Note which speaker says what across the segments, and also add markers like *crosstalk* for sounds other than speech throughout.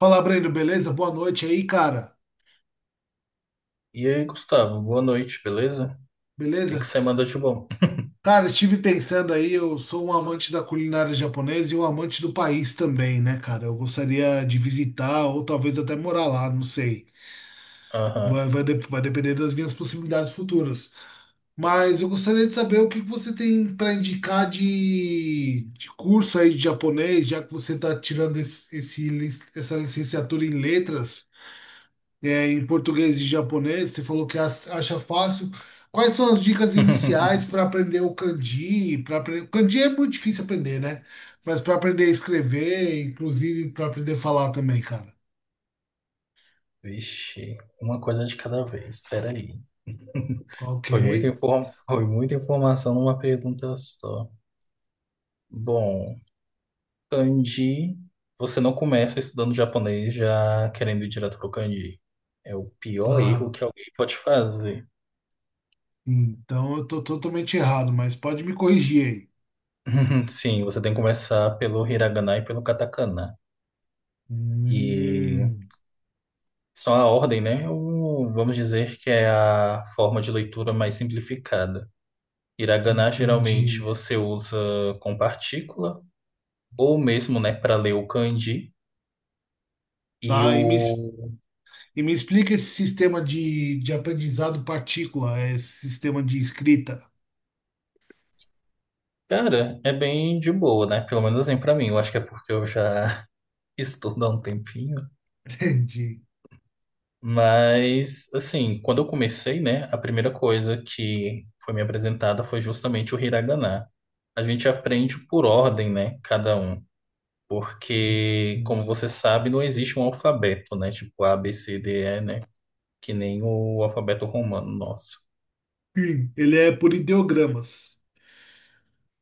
Speaker 1: Fala, Breno, beleza? Boa noite aí, cara.
Speaker 2: E aí, Gustavo, boa noite, beleza? O que que
Speaker 1: Beleza?
Speaker 2: você manda de bom?
Speaker 1: Cara, estive pensando aí, eu sou um amante da culinária japonesa e um amante do país também, né, cara? Eu gostaria de visitar ou talvez até morar lá, não sei.
Speaker 2: Aham.
Speaker 1: Vai depender das minhas possibilidades futuras. Mas eu gostaria de saber o que que você tem para indicar de curso aí de japonês, já que você está tirando essa licenciatura em letras. É, em português e japonês, você falou que acha fácil. Quais são as dicas
Speaker 2: *laughs*
Speaker 1: iniciais para aprender o kanji? Para aprender o kanji é muito difícil aprender, né? Mas para aprender a escrever, inclusive para aprender a falar também, cara.
Speaker 2: Vixe, uma coisa de cada vez, espera aí.
Speaker 1: Ok,
Speaker 2: Foi muita informação numa pergunta só. Bom, kanji, você não começa estudando japonês já querendo ir direto pro kanji. É o pior erro
Speaker 1: claro.
Speaker 2: que alguém pode fazer.
Speaker 1: Então eu tô totalmente errado, mas pode me corrigir aí.
Speaker 2: *laughs* Sim, você tem que começar pelo hiragana e pelo katakana. E
Speaker 1: Hum,
Speaker 2: São a ordem, né? Ou vamos dizer que é a forma de leitura mais simplificada. Hiragana geralmente
Speaker 1: entendi.
Speaker 2: você usa com partícula, ou mesmo, né, para ler o kanji. E
Speaker 1: Tá, e me, es-
Speaker 2: o.
Speaker 1: e me explica esse sistema de aprendizado partícula, esse sistema de escrita.
Speaker 2: Cara, é bem de boa, né? Pelo menos assim pra mim. Eu acho que é porque eu já *laughs* estudo há um tempinho.
Speaker 1: *laughs* Entendi.
Speaker 2: Mas, assim, quando eu comecei, né, a primeira coisa que foi me apresentada foi justamente o hiragana. A gente aprende por ordem, né? Cada um. Porque, como você
Speaker 1: Entendi.
Speaker 2: sabe, não existe um alfabeto, né? Tipo A, B, C, D, E, né? Que nem o alfabeto romano nosso.
Speaker 1: Sim, ele é por ideogramas.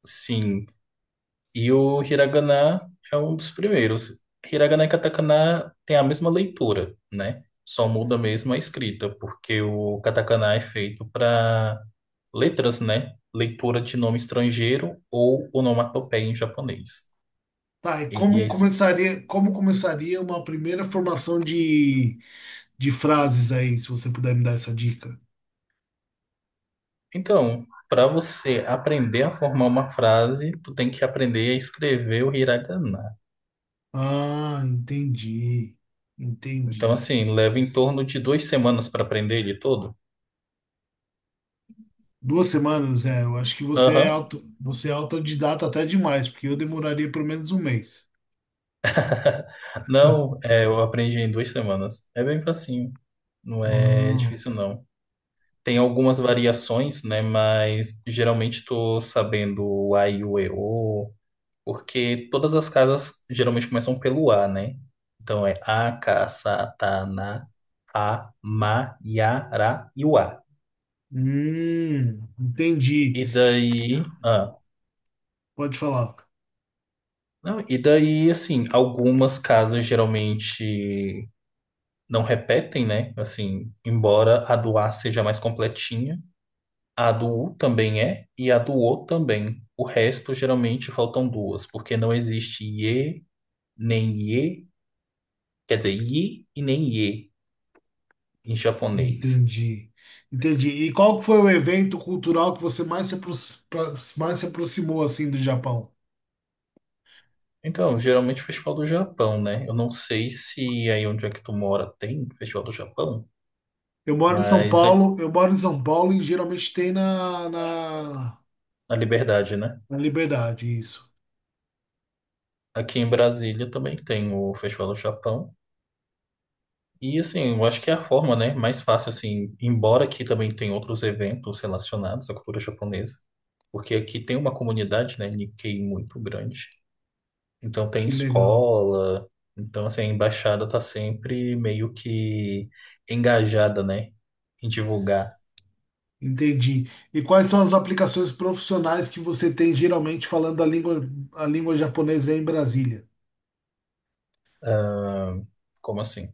Speaker 2: Sim. E o hiragana é um dos primeiros. Hiragana e katakana têm a mesma leitura, né? Só muda mesmo a escrita, porque o katakana é feito para letras, né? Leitura de nome estrangeiro ou onomatopeia em japonês.
Speaker 1: Tá, e
Speaker 2: Ele
Speaker 1: como
Speaker 2: é
Speaker 1: começaria, como começaria uma primeira formação de frases aí, se você puder me dar essa dica?
Speaker 2: Então, para você aprender a formar uma frase, tu tem que aprender a escrever o hiragana.
Speaker 1: Ah, entendi.
Speaker 2: Então,
Speaker 1: Entendi.
Speaker 2: assim, leva em torno de duas semanas para aprender ele todo.
Speaker 1: Duas semanas, é, eu acho que você
Speaker 2: Aham.
Speaker 1: é autodidata até demais, porque eu demoraria pelo menos um mês. *laughs*
Speaker 2: Não, é, eu aprendi em duas semanas. É bem facinho. Não é
Speaker 1: Ah,
Speaker 2: difícil, não. Tem algumas variações, né? Mas geralmente tô sabendo o A e o E O, porque todas as casas geralmente começam pelo A, né? Então é A, K, Sa, Ta, Na, A, Ma, Ya, Ra e o A.
Speaker 1: entendi.
Speaker 2: E daí,
Speaker 1: Pode falar.
Speaker 2: não, e daí, assim, algumas casas geralmente não repetem, né? Assim, embora a do A seja mais completinha, a do U também é, e a do O também. O resto geralmente faltam duas, porque não existe ye, nem ye, quer dizer, yi e nem ye em japonês.
Speaker 1: Entendi. Entendi. E qual foi o evento cultural que você mais se aproximou assim do Japão?
Speaker 2: Então, geralmente o Festival do Japão, né? Eu não sei se aí onde é que tu mora tem Festival do Japão,
Speaker 1: Eu moro em São
Speaker 2: mas é
Speaker 1: Paulo, eu moro em São Paulo e geralmente tem na, na,
Speaker 2: a Liberdade, né?
Speaker 1: na Liberdade, isso.
Speaker 2: Aqui em Brasília também tem o Festival do Chapão. E assim, eu acho que é a forma, né, mais fácil assim, embora aqui também tem outros eventos relacionados à cultura japonesa, porque aqui tem uma comunidade, né, nikkei muito grande. Então tem
Speaker 1: Que legal.
Speaker 2: escola, então assim, a embaixada tá sempre meio que engajada, né, em divulgar.
Speaker 1: Entendi. E quais são as aplicações profissionais que você tem geralmente falando a língua japonesa aí em Brasília?
Speaker 2: ah, Como assim?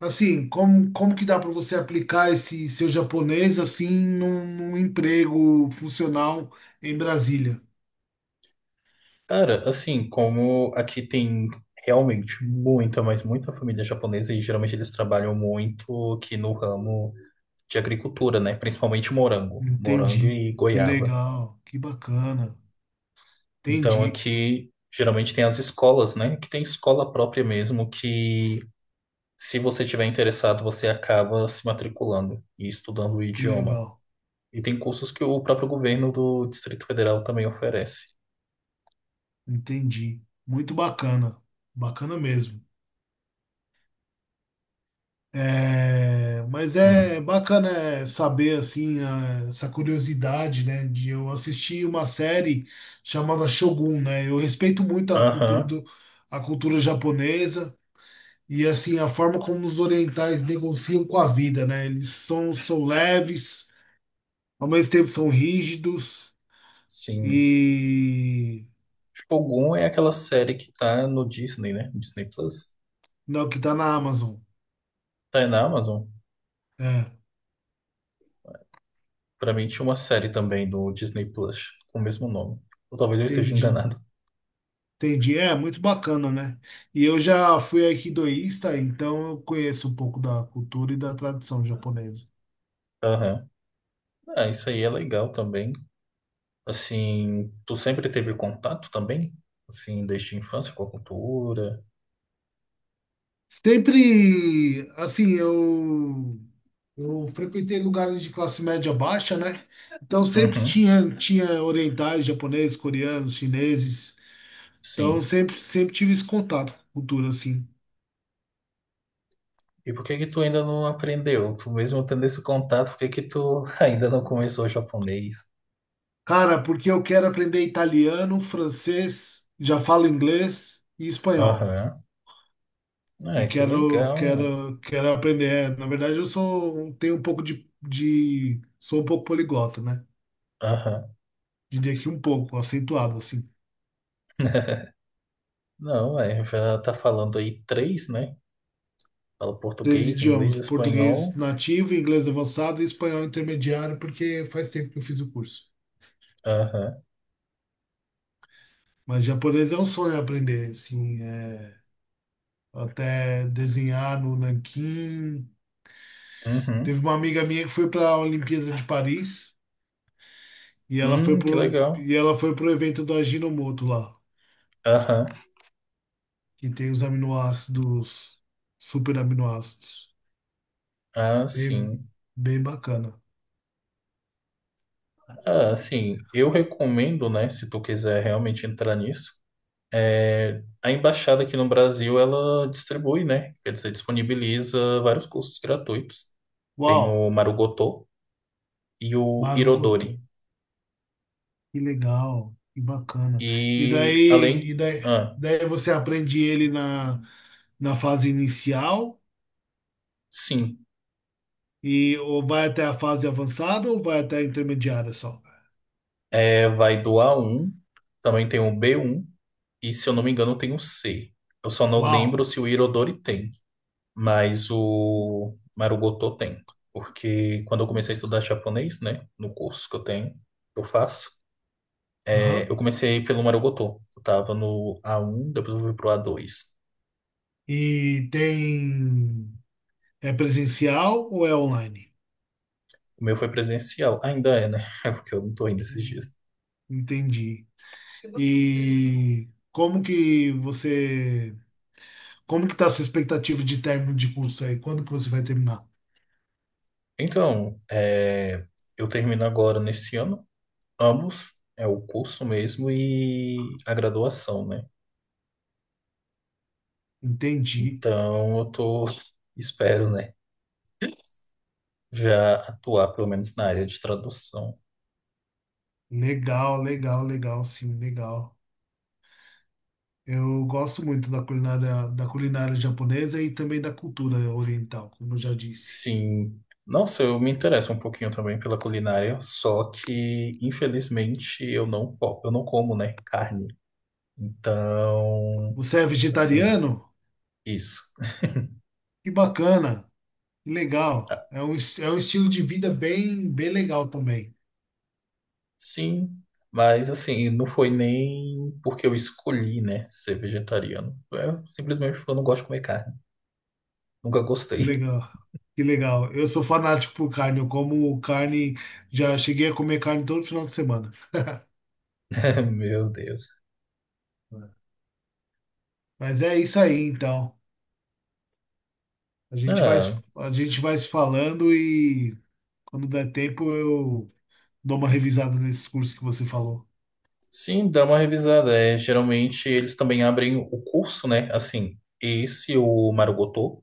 Speaker 1: Assim, como que dá para você aplicar esse seu japonês assim num emprego funcional em Brasília?
Speaker 2: Cara, assim, como aqui tem realmente muita, mas muita família japonesa e geralmente eles trabalham muito aqui no ramo de agricultura, né? Principalmente morango, morango
Speaker 1: Entendi.
Speaker 2: e
Speaker 1: Que
Speaker 2: goiaba.
Speaker 1: legal, que bacana.
Speaker 2: Então
Speaker 1: Entendi,
Speaker 2: aqui geralmente tem as escolas, né? Que tem escola própria mesmo que se você tiver interessado, você acaba se matriculando e estudando o
Speaker 1: que
Speaker 2: idioma.
Speaker 1: legal.
Speaker 2: E tem cursos que o próprio governo do Distrito Federal também oferece.
Speaker 1: Entendi. Muito bacana. Bacana mesmo. É, mas
Speaker 2: Hum.
Speaker 1: é bacana é, saber assim essa curiosidade, né, de eu assistir uma série chamada Shogun, né? Eu respeito muito a cultura
Speaker 2: Aham.
Speaker 1: a cultura japonesa e assim a forma como os orientais negociam com a vida, né? Eles são leves, ao mesmo tempo são rígidos.
Speaker 2: Sim.
Speaker 1: E
Speaker 2: Shogun é aquela série que tá no Disney, né? Disney Plus.
Speaker 1: não, que tá na Amazon.
Speaker 2: Tá na Amazon.
Speaker 1: É,
Speaker 2: Pra mim tinha uma série também do Disney Plus com o mesmo nome. Ou talvez eu esteja
Speaker 1: entendi.
Speaker 2: enganado.
Speaker 1: Entendi. É, muito bacana, né? E eu já fui aikidoísta, então eu conheço um pouco da cultura e da tradição japonesa.
Speaker 2: Aham. Ah, isso aí é legal também. Assim, tu sempre teve contato também? Assim, desde a infância com a cultura?
Speaker 1: Sempre, assim, eu frequentei lugares de classe média baixa, né? Então sempre
Speaker 2: Uhum,
Speaker 1: tinha orientais, japoneses, coreanos, chineses. Então
Speaker 2: sim.
Speaker 1: sempre tive esse contato com cultura, assim.
Speaker 2: E por que que tu ainda não aprendeu? Tu mesmo tendo esse contato, por que que tu *laughs* ainda não começou o japonês?
Speaker 1: Cara, porque eu quero aprender italiano, francês, já falo inglês e espanhol.
Speaker 2: Aham. É,
Speaker 1: E
Speaker 2: que
Speaker 1: quero,
Speaker 2: legal.
Speaker 1: quero, quero aprender. É, na verdade, eu sou, um, tenho um pouco sou um pouco poliglota, né?
Speaker 2: Aham.
Speaker 1: Diria que um pouco, acentuado, assim.
Speaker 2: *laughs* Não, é, já tá falando aí três, né? Fala
Speaker 1: Três
Speaker 2: português,
Speaker 1: idiomas,
Speaker 2: inglês,
Speaker 1: português
Speaker 2: espanhol.
Speaker 1: nativo, inglês avançado e espanhol intermediário, porque faz tempo que eu fiz o curso.
Speaker 2: Aham.
Speaker 1: Mas japonês é um sonho aprender, assim, é, até desenhar no nanquim.
Speaker 2: Uhum.
Speaker 1: Teve uma amiga minha que foi para a Olimpíada de Paris e ela foi
Speaker 2: Que
Speaker 1: pro,
Speaker 2: legal.
Speaker 1: e ela foi pro evento do Ajinomoto lá.
Speaker 2: Aham.
Speaker 1: Que tem os aminoácidos, super aminoácidos.
Speaker 2: Ah,
Speaker 1: Bem,
Speaker 2: sim.
Speaker 1: bem bacana.
Speaker 2: Ah, assim, eu recomendo, né, se tu quiser realmente entrar nisso, é, a embaixada aqui no Brasil, ela distribui, né, quer dizer, disponibiliza vários cursos gratuitos. Tem
Speaker 1: Uau,
Speaker 2: o Marugoto e o
Speaker 1: Marugoto,
Speaker 2: Irodori.
Speaker 1: que legal, que bacana. E
Speaker 2: E
Speaker 1: daí, e
Speaker 2: além,
Speaker 1: daí,
Speaker 2: ah,
Speaker 1: daí você aprende ele na fase inicial
Speaker 2: sim,
Speaker 1: e ou vai até a fase avançada ou vai até a intermediária só.
Speaker 2: é, vai do A1, também tem o B1 e, se eu não me engano, tem o C. Eu só não lembro
Speaker 1: Uau.
Speaker 2: se o Irodori tem, mas o Marugoto tem. Porque quando eu comecei a estudar japonês, né, no curso que eu tenho, que eu faço, é, eu
Speaker 1: Aham.
Speaker 2: comecei pelo Marugoto. Eu tava no A1, depois eu fui pro A2.
Speaker 1: E tem é presencial ou é online?
Speaker 2: O meu foi presencial. Ainda é, né? *laughs* É porque eu não tô indo esses dias.
Speaker 1: Hum. Entendi. E como que tá a sua expectativa de término de curso aí? Quando que você vai terminar?
Speaker 2: Então, é, eu termino agora nesse ano, ambos, é o curso mesmo e a graduação, né?
Speaker 1: Entendi.
Speaker 2: Então, eu tô, *laughs* espero, né, já atuar pelo menos na área de tradução.
Speaker 1: Legal. Eu gosto muito da culinária japonesa e também da cultura oriental, como eu já disse.
Speaker 2: Sim. Nossa, eu me interesso um pouquinho também pela culinária, só que infelizmente eu não, eu não como, né, carne. Então,
Speaker 1: Você é
Speaker 2: assim,
Speaker 1: vegetariano?
Speaker 2: isso.
Speaker 1: Que bacana, que legal.
Speaker 2: Ah,
Speaker 1: É um, é um estilo de vida bem, bem legal também.
Speaker 2: sim, mas assim, não foi nem porque eu escolhi, né, ser vegetariano. É simplesmente porque eu não gosto de comer carne. Nunca
Speaker 1: Que
Speaker 2: gostei.
Speaker 1: legal, que legal. Eu sou fanático por carne, eu como carne, já cheguei a comer carne todo final de semana.
Speaker 2: *laughs* Meu Deus.
Speaker 1: Mas é isso aí, então. A gente vai,
Speaker 2: Ah,
Speaker 1: a gente vai se falando e quando der tempo eu dou uma revisada nesses cursos que você falou.
Speaker 2: sim, dá uma revisada. É, geralmente eles também abrem o curso, né? Assim, esse o Marugoto.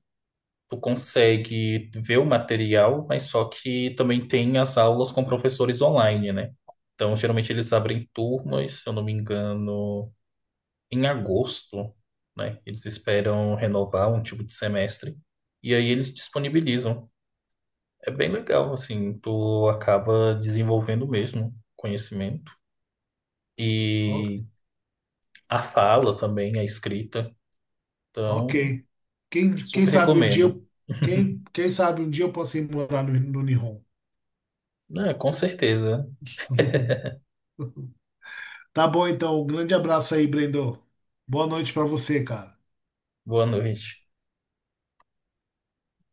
Speaker 2: Tu consegue ver o material, mas só que também tem as aulas com professores online, né? Então, geralmente eles abrem turmas, se eu não me engano, em agosto, né? Eles esperam renovar um tipo de semestre e aí eles disponibilizam. É bem legal, assim, tu acaba desenvolvendo mesmo conhecimento
Speaker 1: O-
Speaker 2: e a fala também, a escrita.
Speaker 1: Ok.
Speaker 2: Então,
Speaker 1: Quem
Speaker 2: super
Speaker 1: sabe um dia,
Speaker 2: recomendo.
Speaker 1: eu-
Speaker 2: *laughs*
Speaker 1: quem, quem sabe um dia eu posso ir morar no Nihon.
Speaker 2: Ah, com certeza.
Speaker 1: *laughs* Tá bom, então. Um grande abraço aí, Brendo. Boa noite pra você, cara.
Speaker 2: Boa noite.